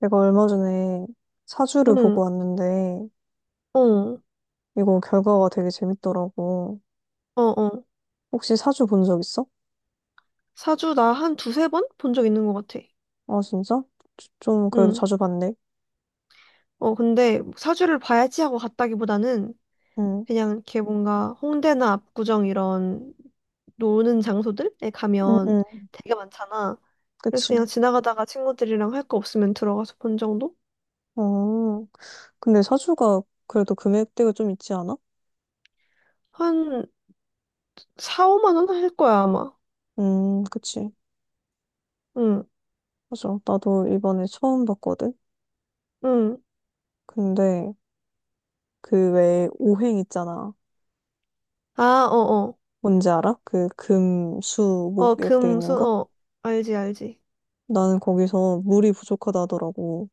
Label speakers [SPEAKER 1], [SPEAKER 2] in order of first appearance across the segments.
[SPEAKER 1] 내가 얼마 전에 사주를 보고
[SPEAKER 2] 응,
[SPEAKER 1] 왔는데,
[SPEAKER 2] 어, 어,
[SPEAKER 1] 이거 결과가 되게 재밌더라고.
[SPEAKER 2] 어.
[SPEAKER 1] 혹시 사주 본 적 있어?
[SPEAKER 2] 사주 나 한 두세 번 본 적 있는 것 같아.
[SPEAKER 1] 아, 진짜? 좀 그래도
[SPEAKER 2] 응.
[SPEAKER 1] 자주 봤네.
[SPEAKER 2] 어, 근데 사주를 봐야지 하고 갔다기보다는
[SPEAKER 1] 응,
[SPEAKER 2] 그냥 이렇게 뭔가 홍대나 압구정 이런 노는 장소들에
[SPEAKER 1] 응,
[SPEAKER 2] 가면
[SPEAKER 1] 응,
[SPEAKER 2] 되게 많잖아. 그래서 그냥
[SPEAKER 1] 그치.
[SPEAKER 2] 지나가다가 친구들이랑 할 거 없으면 들어가서 본 정도?
[SPEAKER 1] 어, 근데 사주가 그래도 금액대가 좀 있지 않아?
[SPEAKER 2] 한 4, 5만 원 할 거야, 아마.
[SPEAKER 1] 그치.
[SPEAKER 2] 응,
[SPEAKER 1] 맞아. 나도 이번에 처음 봤거든?
[SPEAKER 2] 응.
[SPEAKER 1] 근데 그 외에 오행 있잖아.
[SPEAKER 2] 아, 어, 어.
[SPEAKER 1] 뭔지 알아? 그 금, 수, 목
[SPEAKER 2] 어,
[SPEAKER 1] 이렇게 돼
[SPEAKER 2] 금,
[SPEAKER 1] 있는
[SPEAKER 2] 수,
[SPEAKER 1] 거?
[SPEAKER 2] 어. 알지, 알지.
[SPEAKER 1] 나는 거기서 물이 부족하다 하더라고.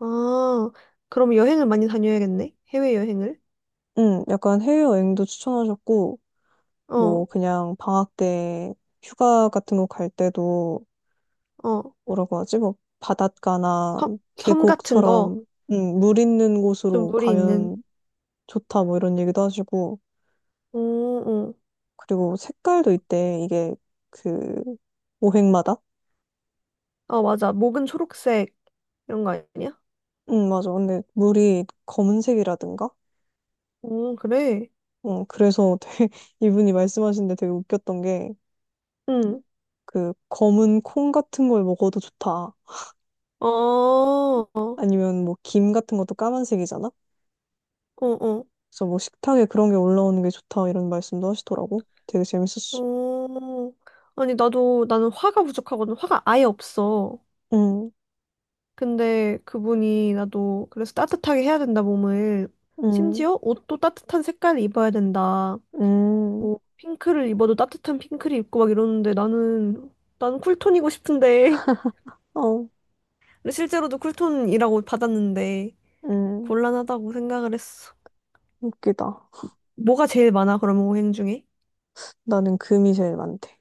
[SPEAKER 2] 아, 그럼 여행을 많이 다녀야겠네. 해외여행을.
[SPEAKER 1] 약간 해외여행도 추천하셨고, 뭐,
[SPEAKER 2] 어.
[SPEAKER 1] 그냥 방학 때 휴가 같은 거 갈 때도,
[SPEAKER 2] 어,
[SPEAKER 1] 뭐라고 하지? 뭐, 바닷가나
[SPEAKER 2] 섬, 섬 같은 거,
[SPEAKER 1] 계곡처럼, 물 있는
[SPEAKER 2] 좀
[SPEAKER 1] 곳으로
[SPEAKER 2] 물이 있는.
[SPEAKER 1] 가면 좋다, 뭐 이런 얘기도 하시고,
[SPEAKER 2] 어, 어.
[SPEAKER 1] 그리고 색깔도 있대, 이게 그, 오행마다?
[SPEAKER 2] 아, 맞아. 목은 초록색, 이런 거 아니야?
[SPEAKER 1] 맞아. 근데 물이 검은색이라든가?
[SPEAKER 2] 어, 그래.
[SPEAKER 1] 그래서 되게, 이분이 말씀하신 데 되게 웃겼던 게,
[SPEAKER 2] 응.
[SPEAKER 1] 그, 검은 콩 같은 걸 먹어도 좋다.
[SPEAKER 2] 어, 어,
[SPEAKER 1] 아니면 뭐 김 같은 것도 까만색이잖아?
[SPEAKER 2] 어,
[SPEAKER 1] 그래서 뭐 식탁에 그런 게 올라오는 게 좋다 이런 말씀도 하시더라고. 되게 재밌었어.
[SPEAKER 2] 어. 아니, 나도, 나는 화가 부족하거든. 화가 아예 없어.
[SPEAKER 1] 응,
[SPEAKER 2] 근데 그분이 나도, 그래서 따뜻하게 해야 된다, 몸을.
[SPEAKER 1] 응,
[SPEAKER 2] 심지어 옷도 따뜻한 색깔을 입어야 된다.
[SPEAKER 1] 응,
[SPEAKER 2] 뭐, 핑크를 입어도 따뜻한 핑크를 입고 막 이러는데 나는, 나는 쿨톤이고 싶은데.
[SPEAKER 1] 어,
[SPEAKER 2] 근데 실제로도 쿨톤이라고 받았는데
[SPEAKER 1] 응.
[SPEAKER 2] 곤란하다고 생각을 했어.
[SPEAKER 1] 웃기다.
[SPEAKER 2] 뭐가 제일 많아, 그러면 오행 중에?
[SPEAKER 1] 나는 금이 제일 많대.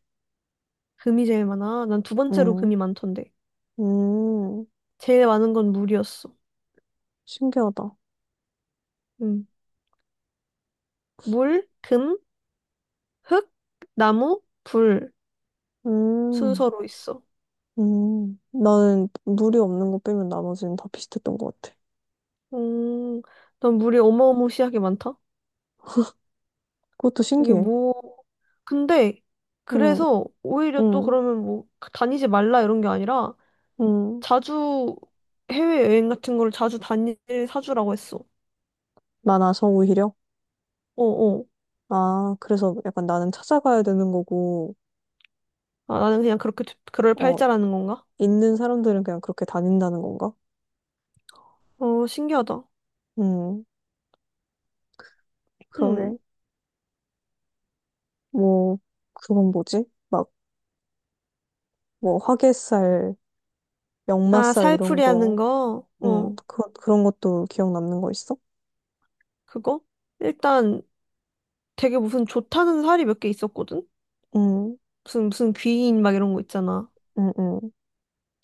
[SPEAKER 2] 금이 제일 많아? 난 두 번째로
[SPEAKER 1] 응,
[SPEAKER 2] 금이 많던데.
[SPEAKER 1] 음,
[SPEAKER 2] 제일 많은 건 물이었어.
[SPEAKER 1] 신기하다.
[SPEAKER 2] 음. 물, 금, 흙, 나무, 불
[SPEAKER 1] 음,
[SPEAKER 2] 순서로 있어.
[SPEAKER 1] 나는 물이 없는 거 빼면 나머지는 다 비슷했던 것 같아.
[SPEAKER 2] 음, 난 물이 어마어마시하게 많다.
[SPEAKER 1] 그것도
[SPEAKER 2] 이게
[SPEAKER 1] 신기해.
[SPEAKER 2] 뭐, 근데
[SPEAKER 1] 응,
[SPEAKER 2] 그래서 오히려 또
[SPEAKER 1] 응,
[SPEAKER 2] 그러면 뭐 다니지 말라 이런 게 아니라
[SPEAKER 1] 응.
[SPEAKER 2] 자주 해외여행 같은 걸 자주 다닐 사주라고 했어.
[SPEAKER 1] 많아서 오히려?
[SPEAKER 2] 어어.
[SPEAKER 1] 아, 그래서 약간 나는 찾아가야 되는 거고,
[SPEAKER 2] 아, 나는 그냥 그렇게 두- 그럴
[SPEAKER 1] 어,
[SPEAKER 2] 팔자라는 건가?
[SPEAKER 1] 있는 사람들은 그냥 그렇게 다닌다는 건가?
[SPEAKER 2] 어, 신기하다.
[SPEAKER 1] 음,
[SPEAKER 2] 음.
[SPEAKER 1] 그러게. 뭐, 그건 뭐지? 막, 뭐, 화개살,
[SPEAKER 2] 아,
[SPEAKER 1] 역마살 이런
[SPEAKER 2] 살풀이 하는
[SPEAKER 1] 거,
[SPEAKER 2] 거? 어,
[SPEAKER 1] 그런 것도 기억 남는 거 있어?
[SPEAKER 2] 그거? 일단 되게 무슨 좋다는 살이 몇 개 있었거든?
[SPEAKER 1] 음,
[SPEAKER 2] 무슨 귀인 막 이런 거 있잖아.
[SPEAKER 1] 음, 음,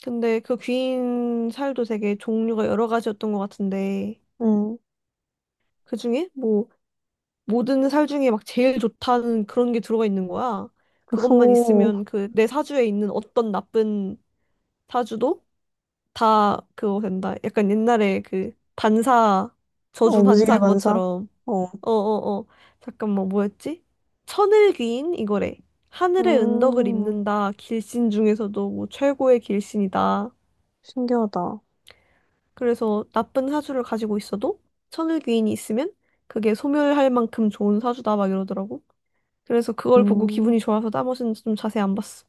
[SPEAKER 2] 근데 그 귀인 살도 되게 종류가 여러 가지였던 것 같은데,
[SPEAKER 1] 음.
[SPEAKER 2] 그 중에 뭐, 모든 살 중에 막 제일 좋다는 그런 게 들어가 있는 거야. 그것만
[SPEAKER 1] 오,
[SPEAKER 2] 있으면 그 내 사주에 있는 어떤 나쁜 사주도 다 그거 된다. 약간 옛날에 그 반사,
[SPEAKER 1] 어,
[SPEAKER 2] 저주 반사
[SPEAKER 1] 무지개 반사?
[SPEAKER 2] 그것처럼.
[SPEAKER 1] 어,
[SPEAKER 2] 어어어. 잠깐만, 뭐였지? 천을귀인? 이거래. 하늘의 은덕을
[SPEAKER 1] 음,
[SPEAKER 2] 입는다. 길신 중에서도 뭐 최고의 길신이다.
[SPEAKER 1] 신기하다.
[SPEAKER 2] 그래서 나쁜 사주를 가지고 있어도 천을귀인이 있으면 그게 소멸할 만큼 좋은 사주다. 막 이러더라고. 그래서 그걸 보고
[SPEAKER 1] 음,
[SPEAKER 2] 기분이 좋아서 나머지는 좀 자세히 안 봤어.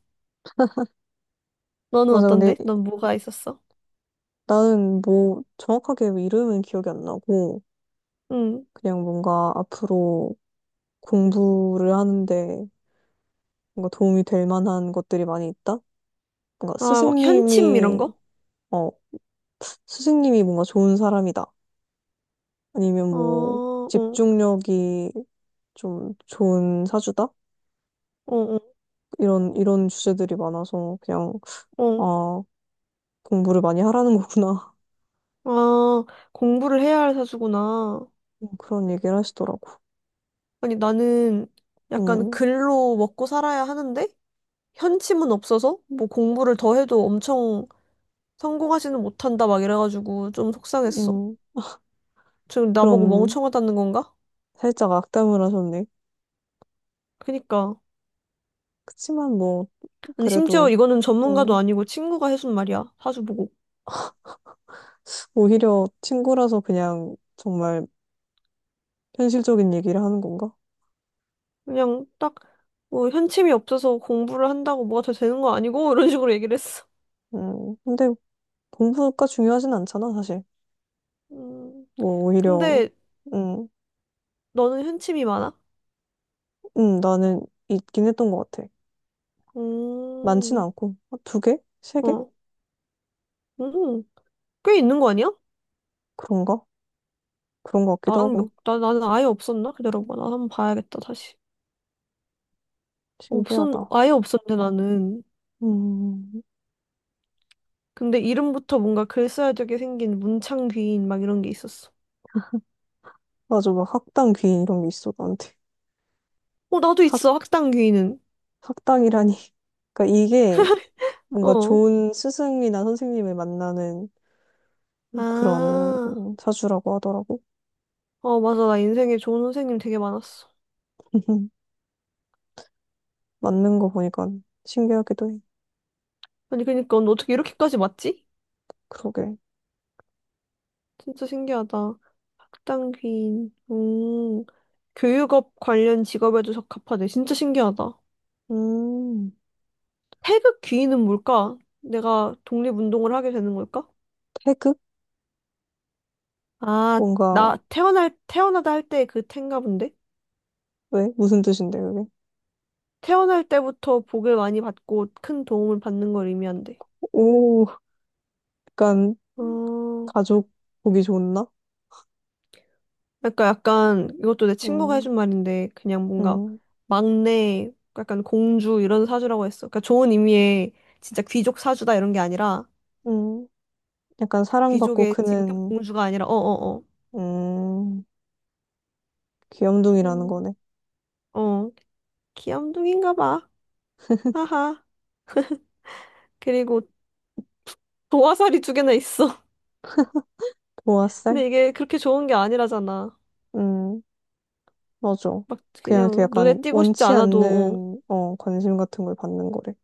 [SPEAKER 2] 너는
[SPEAKER 1] 맞아. 근데
[SPEAKER 2] 어떤데? 넌 뭐가 있었어?
[SPEAKER 1] 나는 뭐, 정확하게 이름은 기억이 안 나고,
[SPEAKER 2] 응.
[SPEAKER 1] 그냥 뭔가 앞으로 공부를 하는데, 뭔가 도움이 될 만한 것들이 많이 있다? 뭔가
[SPEAKER 2] 아, 막 현침 이런 거?
[SPEAKER 1] 어, 스승님이 뭔가 좋은 사람이다. 아니면
[SPEAKER 2] 어,
[SPEAKER 1] 뭐,
[SPEAKER 2] 어,
[SPEAKER 1] 집중력이 좀 좋은 사주다?
[SPEAKER 2] 어, 어.
[SPEAKER 1] 이런 주제들이 많아서 그냥,
[SPEAKER 2] 어,
[SPEAKER 1] 아, 공부를 많이 하라는 거구나.
[SPEAKER 2] 아, 공부를 해야 할 사주구나.
[SPEAKER 1] 그런 얘기를 하시더라고.
[SPEAKER 2] 아니, 나는 약간
[SPEAKER 1] 음,
[SPEAKER 2] 글로 먹고 살아야 하는데, 현침은 없어서, 뭐 공부를 더 해도 엄청 성공하지는 못한다, 막 이래가지고 좀 속상했어.
[SPEAKER 1] 음,
[SPEAKER 2] 지금 나보고
[SPEAKER 1] 그런
[SPEAKER 2] 멍청하다는 건가?
[SPEAKER 1] 살짝 악담을 하셨네.
[SPEAKER 2] 그니까.
[SPEAKER 1] 그치만 뭐,
[SPEAKER 2] 아니, 심지어
[SPEAKER 1] 그래도,
[SPEAKER 2] 이거는 전문가도
[SPEAKER 1] 음,
[SPEAKER 2] 아니고 친구가 해준 말이야, 사주 보고.
[SPEAKER 1] 오히려 친구라서 그냥 정말 현실적인 얘기를 하는 건가?
[SPEAKER 2] 그냥 딱, 뭐, 현침이 없어서 공부를 한다고 뭐가 더 되는 거 아니고, 이런 식으로 얘기를 했어.
[SPEAKER 1] 근데 공부가 중요하진 않잖아, 사실.
[SPEAKER 2] 음,
[SPEAKER 1] 뭐, 오히려,
[SPEAKER 2] 근데
[SPEAKER 1] 음,
[SPEAKER 2] 너는 현침이 많아?
[SPEAKER 1] 나는 있긴 했던 것 같아. 많진
[SPEAKER 2] 음.
[SPEAKER 1] 않고. 아, 2개? 3개?
[SPEAKER 2] 어. 음, 꽤 있는 거 아니야?
[SPEAKER 1] 그런가? 그런 것 같기도 하고.
[SPEAKER 2] 나는 아예 없었나? 기다려봐. 나 한번 봐야겠다, 다시.
[SPEAKER 1] 신기하다.
[SPEAKER 2] 아예 없었는데, 나는.
[SPEAKER 1] 음,
[SPEAKER 2] 근데 이름부터 뭔가 글써야되게 생긴 문창 귀인, 막 이런 게 있었어.
[SPEAKER 1] 맞아. 막 학당 귀인 이런 게 있어, 나한테.
[SPEAKER 2] 어, 나도
[SPEAKER 1] 학,
[SPEAKER 2] 있어, 학당 귀인은.
[SPEAKER 1] 학당이라니. 그러니까 이게 뭔가
[SPEAKER 2] 어.
[SPEAKER 1] 좋은 스승이나 선생님을 만나는 그런
[SPEAKER 2] 아,
[SPEAKER 1] 사주라고 하더라고.
[SPEAKER 2] 어, 맞아. 나 인생에 좋은 선생님 되게 많았어.
[SPEAKER 1] 맞는 거 보니까 신기하기도 해.
[SPEAKER 2] 아니, 그니까, 너 어떻게 이렇게까지 맞지?
[SPEAKER 1] 그러게.
[SPEAKER 2] 진짜 신기하다. 학당 귀인. 교육업 관련 직업에도 적합하대. 진짜 신기하다.
[SPEAKER 1] 음,
[SPEAKER 2] 태극 귀인은 뭘까? 내가 독립운동을 하게 되는 걸까?
[SPEAKER 1] 태극?
[SPEAKER 2] 아,
[SPEAKER 1] 뭔가,
[SPEAKER 2] 나 태어나다 할 때 그 텐가 본데?
[SPEAKER 1] 왜? 무슨 뜻인데, 그게?
[SPEAKER 2] 태어날 때부터 복을 많이 받고 큰 도움을 받는 걸 의미한대.
[SPEAKER 1] 오, 약간
[SPEAKER 2] 어,
[SPEAKER 1] 가족 보기 좋나?
[SPEAKER 2] 그러니까 약간 이것도 내 친구가
[SPEAKER 1] 음,
[SPEAKER 2] 해준 말인데 그냥 뭔가
[SPEAKER 1] 음,
[SPEAKER 2] 막내, 약간 공주 이런 사주라고 했어. 그러니까 좋은 의미의 진짜 귀족 사주다 이런 게 아니라
[SPEAKER 1] 음. 약간 사랑받고
[SPEAKER 2] 귀족의 직급
[SPEAKER 1] 크는,
[SPEAKER 2] 공주가 아니라 어어어.
[SPEAKER 1] 음,
[SPEAKER 2] 어, 어, 어.
[SPEAKER 1] 귀염둥이라는 거네.
[SPEAKER 2] 어, 귀염둥인가 봐. 하하. 그리고 도화살이 두 개나 있어.
[SPEAKER 1] 도화살?
[SPEAKER 2] 근데 이게 그렇게 좋은 게 아니라잖아.
[SPEAKER 1] 음, 맞아.
[SPEAKER 2] 막
[SPEAKER 1] 그냥 이렇게
[SPEAKER 2] 그냥 눈에
[SPEAKER 1] 약간
[SPEAKER 2] 띄고 싶지
[SPEAKER 1] 원치
[SPEAKER 2] 않아도.
[SPEAKER 1] 않는, 관심 같은 걸 받는 거래.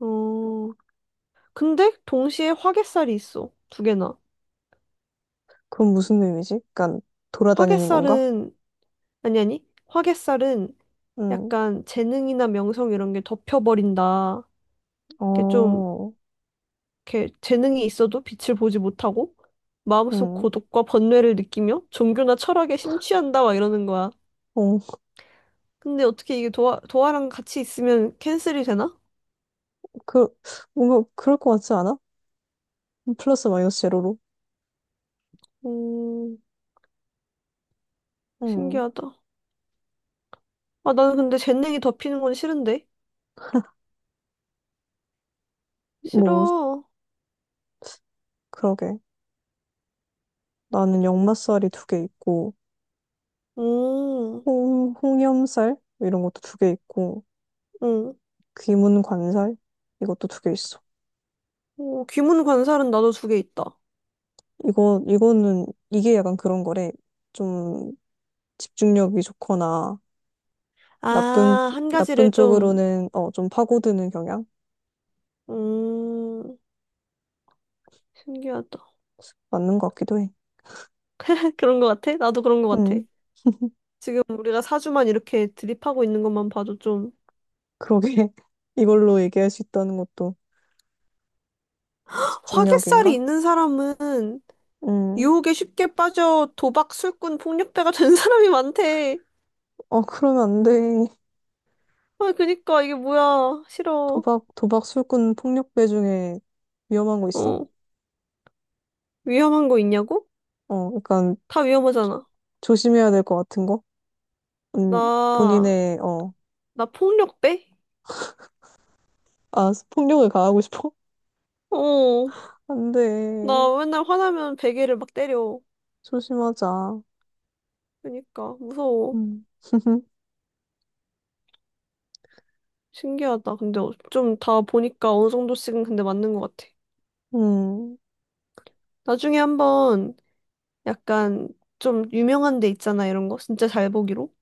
[SPEAKER 2] 어. 어. 근데 동시에 화개살이 있어. 두 개나.
[SPEAKER 1] 그건 무슨 의미지? 약간 돌아다니는 건가?
[SPEAKER 2] 화개살은 아니 아니. 화개살은
[SPEAKER 1] 음,
[SPEAKER 2] 약간 재능이나 명성 이런 게 덮여버린다. 이렇게 좀
[SPEAKER 1] 어,
[SPEAKER 2] 이렇게 재능이 있어도 빛을 보지 못하고 마음속
[SPEAKER 1] 음,
[SPEAKER 2] 고독과 번뇌를 느끼며 종교나 철학에 심취한다 막 이러는 거야.
[SPEAKER 1] 어.
[SPEAKER 2] 근데 어떻게 이게 도화랑 같이 있으면 캔슬이 되나?
[SPEAKER 1] 그, 뭔가 그럴 것 같지 않아? 플러스 마이너스 제로로.
[SPEAKER 2] 음,
[SPEAKER 1] 음,
[SPEAKER 2] 신기하다. 아, 나는 근데 젠냉이 덮이는 건 싫은데?
[SPEAKER 1] 뭐,
[SPEAKER 2] 싫어.
[SPEAKER 1] 그러게. 나는 역마살이 2개 있고,
[SPEAKER 2] 음,
[SPEAKER 1] 홍염살 이런 것도 2개 있고
[SPEAKER 2] 음.
[SPEAKER 1] 귀문관살 이것도 2개 있어.
[SPEAKER 2] 어, 귀문 관살은 나도 두 개 있다.
[SPEAKER 1] 이거 이거는 이게 약간 그런 거래. 좀 집중력이 좋거나 나쁜
[SPEAKER 2] 아, 한 가지를
[SPEAKER 1] 나쁜
[SPEAKER 2] 좀,
[SPEAKER 1] 쪽으로는 좀 파고드는 경향.
[SPEAKER 2] 음, 신기하다.
[SPEAKER 1] 맞는 것 같기도 해.
[SPEAKER 2] 그런 거 같아? 나도 그런 거 같아.
[SPEAKER 1] 음,
[SPEAKER 2] 지금 우리가 사주만 이렇게 드립하고 있는 것만 봐도 좀,
[SPEAKER 1] 그러게. 이걸로 얘기할 수 있다는 것도
[SPEAKER 2] 화개살이
[SPEAKER 1] 집중력인가?
[SPEAKER 2] 있는 사람은
[SPEAKER 1] 음,
[SPEAKER 2] 유혹에 쉽게 빠져 도박, 술꾼, 폭력배가 된 사람이 많대.
[SPEAKER 1] 그러면 안 돼.
[SPEAKER 2] 아, 그니까 이게 뭐야. 싫어.
[SPEAKER 1] 도박 술꾼 폭력배 중에 위험한 거 있어?
[SPEAKER 2] 어, 위험한 거 있냐고?
[SPEAKER 1] 어, 약간
[SPEAKER 2] 다 위험하잖아.
[SPEAKER 1] 조심해야 될 것 같은 거? 음,
[SPEAKER 2] 나
[SPEAKER 1] 본인의 어,
[SPEAKER 2] 나 폭력배?
[SPEAKER 1] 아, 폭력을 가하고 싶어?
[SPEAKER 2] 어,
[SPEAKER 1] 안 돼.
[SPEAKER 2] 나 맨날 화나면 베개를 막 때려.
[SPEAKER 1] 조심하자.
[SPEAKER 2] 그러니까 무서워.
[SPEAKER 1] 음.
[SPEAKER 2] 신기하다. 근데 좀 다 보니까 어느 정도씩은 근데 맞는 것 같아.
[SPEAKER 1] 음,
[SPEAKER 2] 나중에 한번 약간 좀 유명한 데 있잖아, 이런 거. 진짜 잘 보기로.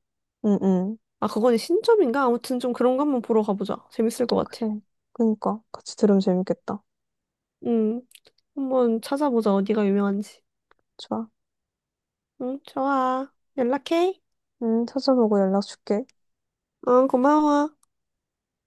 [SPEAKER 1] 음, 음.
[SPEAKER 2] 아, 그거는 신점인가? 아무튼 좀 그런 거 한번 보러 가보자. 재밌을 것 같아.
[SPEAKER 1] 그래. 그니까. 같이 들으면 재밌겠다.
[SPEAKER 2] 응, 한번 찾아보자. 어디가 유명한지.
[SPEAKER 1] 좋아.
[SPEAKER 2] 응, 좋아. 연락해.
[SPEAKER 1] 찾아보고 연락 줄게.
[SPEAKER 2] 응, 고마워.